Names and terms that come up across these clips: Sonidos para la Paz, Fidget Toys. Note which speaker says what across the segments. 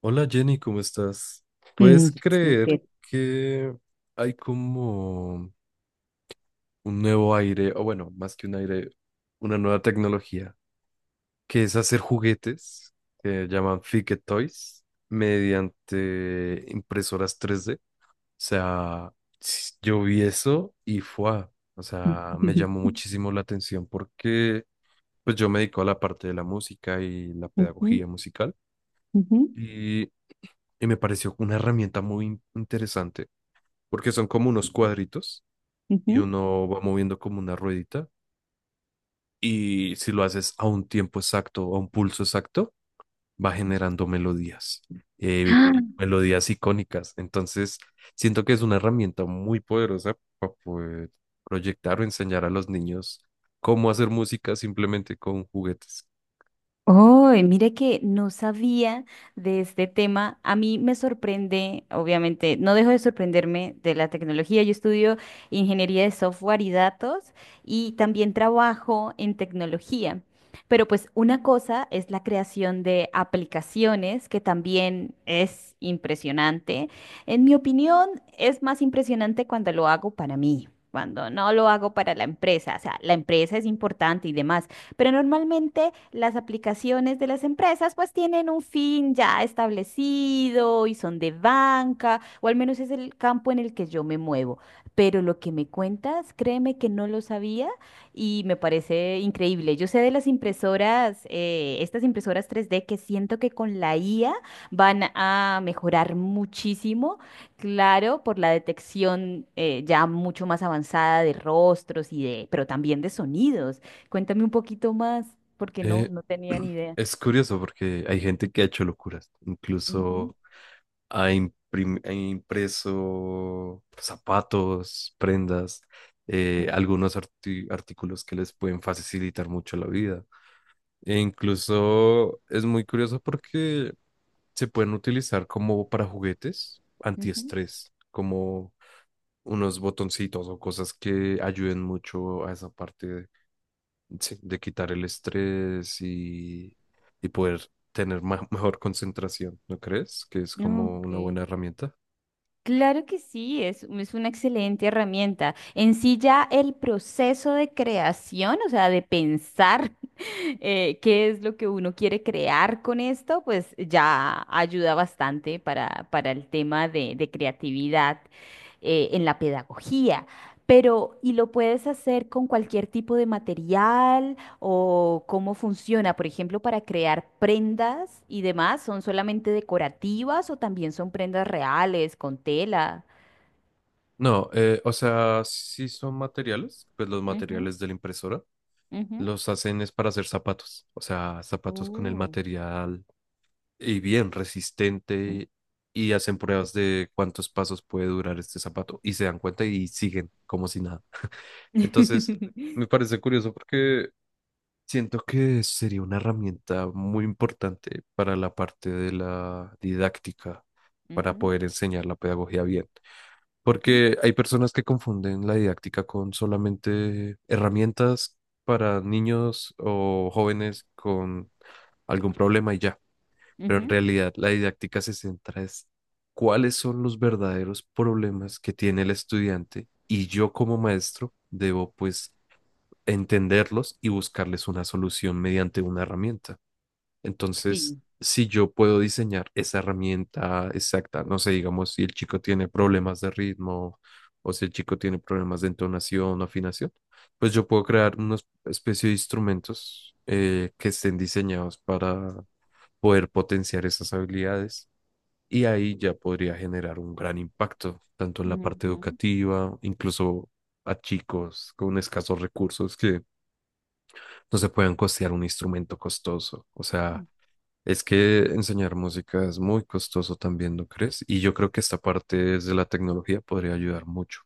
Speaker 1: Hola Jenny, ¿cómo estás? ¿Puedes
Speaker 2: Mm,
Speaker 1: creer
Speaker 2: súper.
Speaker 1: que hay como un nuevo aire, o bueno, más que un aire, una nueva tecnología, que es hacer juguetes que llaman Fidget Toys mediante impresoras 3D. O sea, yo vi eso y fue, o sea, me llamó muchísimo la atención porque pues yo me dedico a la parte de la música y la
Speaker 2: Ujú,
Speaker 1: pedagogía musical
Speaker 2: ujú,
Speaker 1: y, y me pareció una herramienta muy interesante porque son como unos cuadritos, y
Speaker 2: ujú.
Speaker 1: uno va moviendo como una ruedita, y si lo haces a un tiempo exacto, a un pulso exacto, va generando melodías, y
Speaker 2: ¡Ah!
Speaker 1: melodías icónicas. Entonces, siento que es una herramienta muy poderosa para poder proyectar o enseñar a los niños cómo hacer música simplemente con juguetes.
Speaker 2: Oh, mire que no sabía de este tema. A mí me sorprende, obviamente, no dejo de sorprenderme de la tecnología. Yo estudio ingeniería de software y datos y también trabajo en tecnología. Pero pues una cosa es la creación de aplicaciones, que también es impresionante. En mi opinión, es más impresionante cuando lo hago para mí, cuando no lo hago para la empresa. O sea, la empresa es importante y demás, pero normalmente las aplicaciones de las empresas pues tienen un fin ya establecido y son de banca, o al menos es el campo en el que yo me muevo. Pero lo que me cuentas, créeme que no lo sabía y me parece increíble. Yo sé de las impresoras, estas impresoras 3D, que siento que con la IA van a mejorar muchísimo. Claro, por la detección ya mucho más avanzada de rostros y de, pero también de sonidos. Cuéntame un poquito más, porque
Speaker 1: Eh,
Speaker 2: no tenía ni idea.
Speaker 1: es curioso porque hay gente que ha hecho locuras,
Speaker 2: Ujú,
Speaker 1: incluso ha impreso zapatos, prendas,
Speaker 2: ujú,
Speaker 1: algunos artículos que les pueden facilitar mucho la vida. E incluso es muy curioso porque se pueden utilizar como para juguetes antiestrés, como unos botoncitos o cosas que ayuden mucho a esa parte de, sí, de quitar el estrés, y poder tener mejor concentración, ¿no crees? Que es
Speaker 2: ujú.
Speaker 1: como
Speaker 2: Ok.
Speaker 1: una buena herramienta.
Speaker 2: Claro que sí, es una excelente herramienta. En sí ya el proceso de creación, o sea, de pensar qué es lo que uno quiere crear con esto, pues ya ayuda bastante para el tema de creatividad en la pedagogía. Pero, y lo puedes hacer con cualquier tipo de material, o cómo funciona. Por ejemplo, para crear prendas y demás, ¿son solamente decorativas o también son prendas reales con tela?
Speaker 1: No, o sea, sí son materiales, pues los
Speaker 2: Ujú,
Speaker 1: materiales de la impresora
Speaker 2: ujú.
Speaker 1: los hacen es para hacer zapatos, o sea, zapatos con el
Speaker 2: Oh.
Speaker 1: material y bien resistente, y hacen pruebas de cuántos pasos puede durar este zapato y se dan cuenta y siguen como si nada. Entonces, me parece curioso porque siento que sería una herramienta muy importante para la parte de la didáctica, para
Speaker 2: Ujú,
Speaker 1: poder enseñar la pedagogía bien.
Speaker 2: ujú,
Speaker 1: Porque hay personas que confunden la didáctica con solamente herramientas para niños o jóvenes con algún problema y ya. Pero en
Speaker 2: ujú.
Speaker 1: realidad la didáctica se centra es cuáles son los verdaderos problemas que tiene el estudiante, y yo como maestro debo pues entenderlos y buscarles una solución mediante una herramienta. Entonces,
Speaker 2: Sí.
Speaker 1: si yo puedo diseñar esa herramienta exacta, no sé, digamos, si el chico tiene problemas de ritmo o si el chico tiene problemas de entonación o afinación, pues yo puedo crear una especie de instrumentos que estén diseñados para poder potenciar esas habilidades, y ahí ya podría generar un gran impacto, tanto en la parte
Speaker 2: Ujú.
Speaker 1: educativa, incluso a chicos con escasos recursos que no se puedan costear un instrumento costoso. O sea, es que enseñar música es muy costoso también, ¿no crees? Y yo creo que esta parte de la tecnología podría ayudar mucho.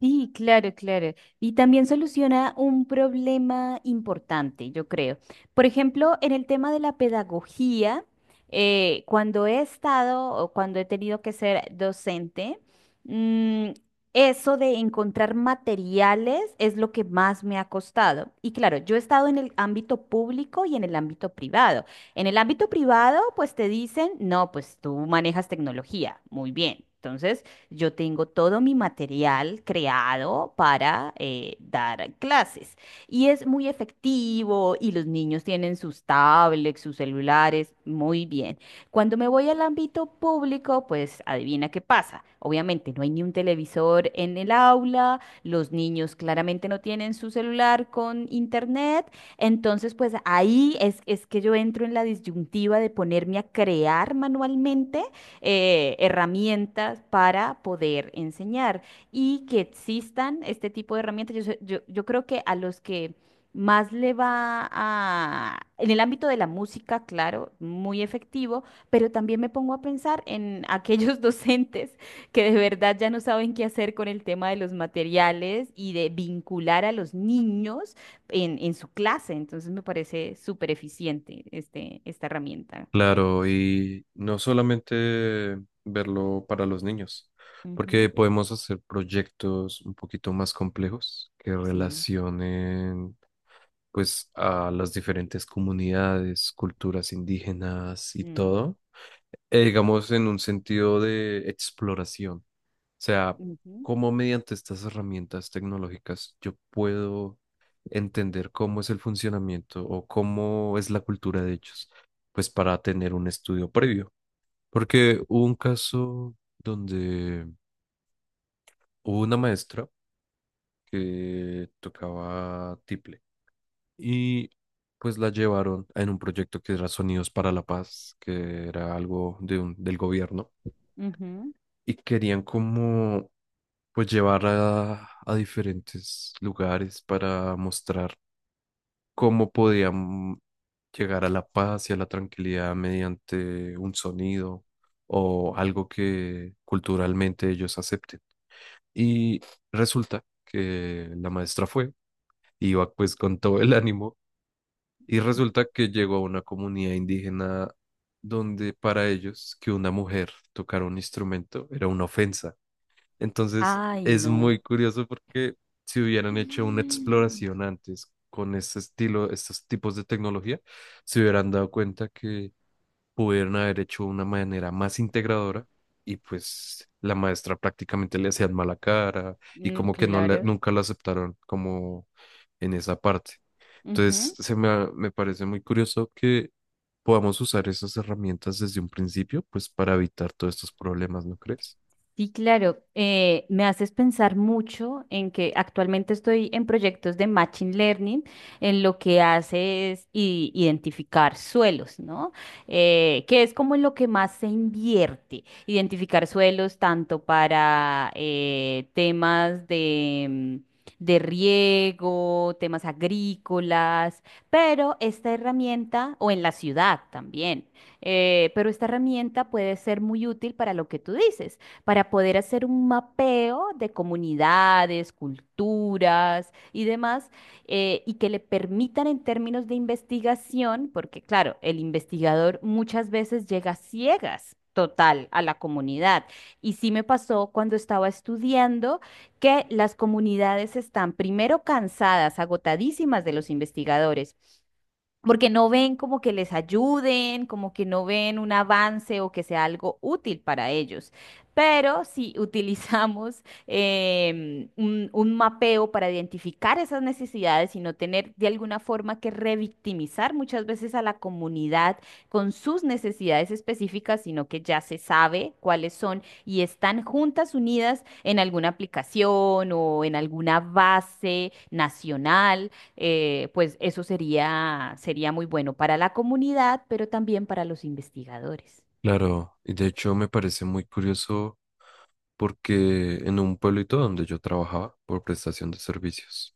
Speaker 2: Sí, claro, claro. Y también soluciona un problema importante, yo creo. Por ejemplo, en el tema de la pedagogía, cuando he estado o cuando he tenido que ser docente, mm, eso de encontrar materiales es lo que más me ha costado. Y claro, yo he estado en el ámbito público y en el ámbito privado. En el ámbito privado, pues te dicen, no, pues tú manejas tecnología, muy bien. Entonces... Yo tengo todo mi material creado para dar clases y es muy efectivo, y los niños tienen sus tablets, sus celulares, muy bien. Cuando me voy al ámbito público, pues adivina qué pasa. Obviamente no hay ni un televisor en el aula, los niños claramente no tienen su celular con internet, entonces pues ahí es que yo entro en la disyuntiva de ponerme a crear manualmente herramientas para poder enseñar y que existan este tipo de herramientas. Yo creo que a los que más le va a, en el ámbito de la música, claro, muy efectivo, pero también me pongo a pensar en aquellos docentes que de verdad ya no saben qué hacer con el tema de los materiales y de vincular a los niños en su clase. Entonces me parece súper eficiente esta herramienta.
Speaker 1: Claro, y no solamente verlo para los niños, porque
Speaker 2: Ujú.
Speaker 1: podemos hacer proyectos un poquito más complejos que
Speaker 2: Sí.
Speaker 1: relacionen pues a las diferentes comunidades, culturas indígenas y
Speaker 2: Mm.
Speaker 1: todo, digamos en un sentido de exploración. Sea,
Speaker 2: Ujú,
Speaker 1: cómo mediante estas herramientas tecnológicas yo puedo entender cómo es el funcionamiento o cómo es la cultura de ellos, pues para tener un estudio previo. Porque hubo un caso donde hubo una maestra que tocaba tiple, y pues la llevaron en un proyecto que era Sonidos para la Paz, que era algo de un, del gobierno,
Speaker 2: ujú.
Speaker 1: y querían como pues llevar a diferentes lugares para mostrar cómo podían llegar a la paz y a la tranquilidad mediante un sonido o algo que culturalmente ellos acepten. Y resulta que la maestra fue, iba pues con todo el ánimo, y resulta que llegó a una comunidad indígena donde para ellos que una mujer tocara un instrumento era una ofensa. Entonces,
Speaker 2: Ay,
Speaker 1: es
Speaker 2: no.
Speaker 1: muy curioso porque si hubieran hecho una
Speaker 2: Mm.
Speaker 1: exploración antes con este estilo, estos tipos de tecnología, se hubieran dado cuenta que pudieron haber hecho una manera más integradora, y pues la maestra prácticamente le hacían mala cara, y
Speaker 2: Mm,
Speaker 1: como que
Speaker 2: claro.
Speaker 1: nunca la aceptaron como en esa parte. Entonces,
Speaker 2: Ujú.
Speaker 1: me parece muy curioso que podamos usar esas herramientas desde un principio, pues para evitar todos estos problemas, ¿no crees?
Speaker 2: Sí, claro. Me haces pensar mucho en que actualmente estoy en proyectos de Machine Learning, en lo que hace es i- identificar suelos, ¿no? Que es como en lo que más se invierte, identificar suelos tanto para temas de riego, temas agrícolas, pero esta herramienta, o en la ciudad también, pero esta herramienta puede ser muy útil para lo que tú dices, para poder hacer un mapeo de comunidades, culturas y demás, y que le permitan en términos de investigación, porque claro, el investigador muchas veces llega a ciegas, total, a la comunidad. Y sí me pasó cuando estaba estudiando que las comunidades están primero cansadas, agotadísimas de los investigadores, porque no ven como que les ayuden, como que no ven un avance o que sea algo útil para ellos. Pero si utilizamos un mapeo para identificar esas necesidades y no tener de alguna forma que revictimizar muchas veces a la comunidad con sus necesidades específicas, sino que ya se sabe cuáles son y están juntas, unidas en alguna aplicación o en alguna base nacional, pues eso sería muy bueno para la comunidad, pero también para los investigadores.
Speaker 1: Claro, y de hecho me parece muy curioso porque en un pueblito donde yo trabajaba por prestación de servicios,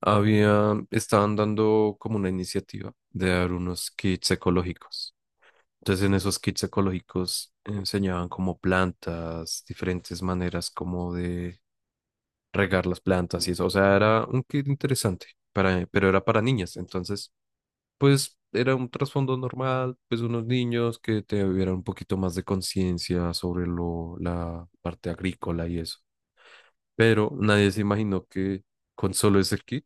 Speaker 1: había, estaban dando como una iniciativa de dar unos kits ecológicos. Entonces en esos kits ecológicos enseñaban como plantas, diferentes maneras como de regar las plantas y eso. O sea, era un kit interesante, para, pero era para niñas. Entonces pues era un trasfondo normal, pues unos niños que te tuvieran un poquito más de conciencia sobre lo, la parte agrícola y eso. Pero nadie se imaginó que con solo ese kit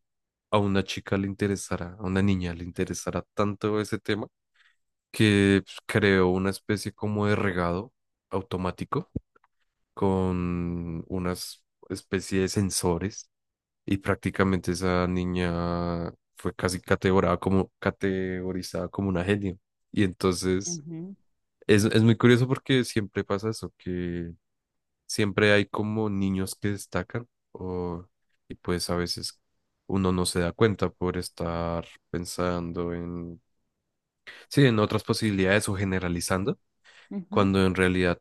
Speaker 1: a una chica le interesara, a una niña le interesara tanto ese tema, que pues, creó una especie como de regado automático con unas especie de sensores, y prácticamente esa niña fue casi categorizada como una genio. Y entonces
Speaker 2: Ujú,
Speaker 1: es muy curioso porque siempre pasa eso, que siempre hay como niños que destacan o, y pues a veces uno no se da cuenta por estar pensando en, sí, en otras posibilidades o generalizando,
Speaker 2: ujú.
Speaker 1: cuando en realidad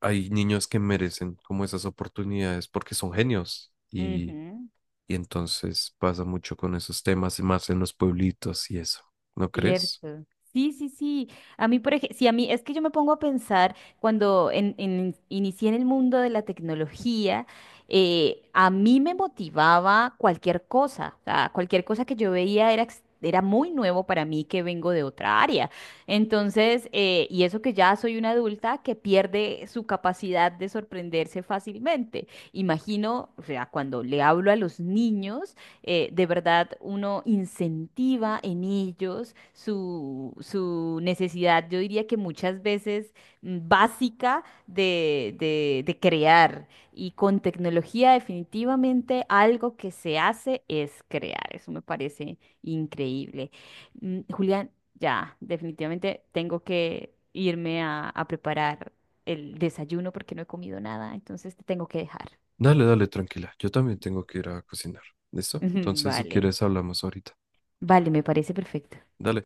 Speaker 1: hay niños que merecen como esas oportunidades porque son genios. Y
Speaker 2: Ujú.
Speaker 1: y entonces pasa mucho con esos temas y más en los pueblitos y eso. ¿No crees?
Speaker 2: Cierto. Sí, sí, sí. A mí, por ejemplo, sí, a mí es que yo me pongo a pensar cuando en- inicié en el mundo de la tecnología, a mí me motivaba cualquier cosa. O sea, cualquier cosa que yo veía era, ex- era muy nuevo para mí, que vengo de otra área. Entonces, y eso que ya soy una adulta que pierde su capacidad de sorprenderse fácilmente. Imagino, o sea, cuando le hablo a los niños de verdad uno incentiva en ellos su necesidad, yo diría que muchas veces básica de crear. Y con tecnología definitivamente algo que se hace es crear. Eso me parece increíble. Julián, ya, definitivamente tengo que irme a preparar el desayuno porque no he comido nada, entonces te tengo que dejar.
Speaker 1: Dale, dale, tranquila. Yo también tengo que ir a cocinar. ¿Listo? Entonces, si
Speaker 2: Vale,
Speaker 1: quieres, hablamos ahorita.
Speaker 2: vale, me parece perfecto.
Speaker 1: Dale.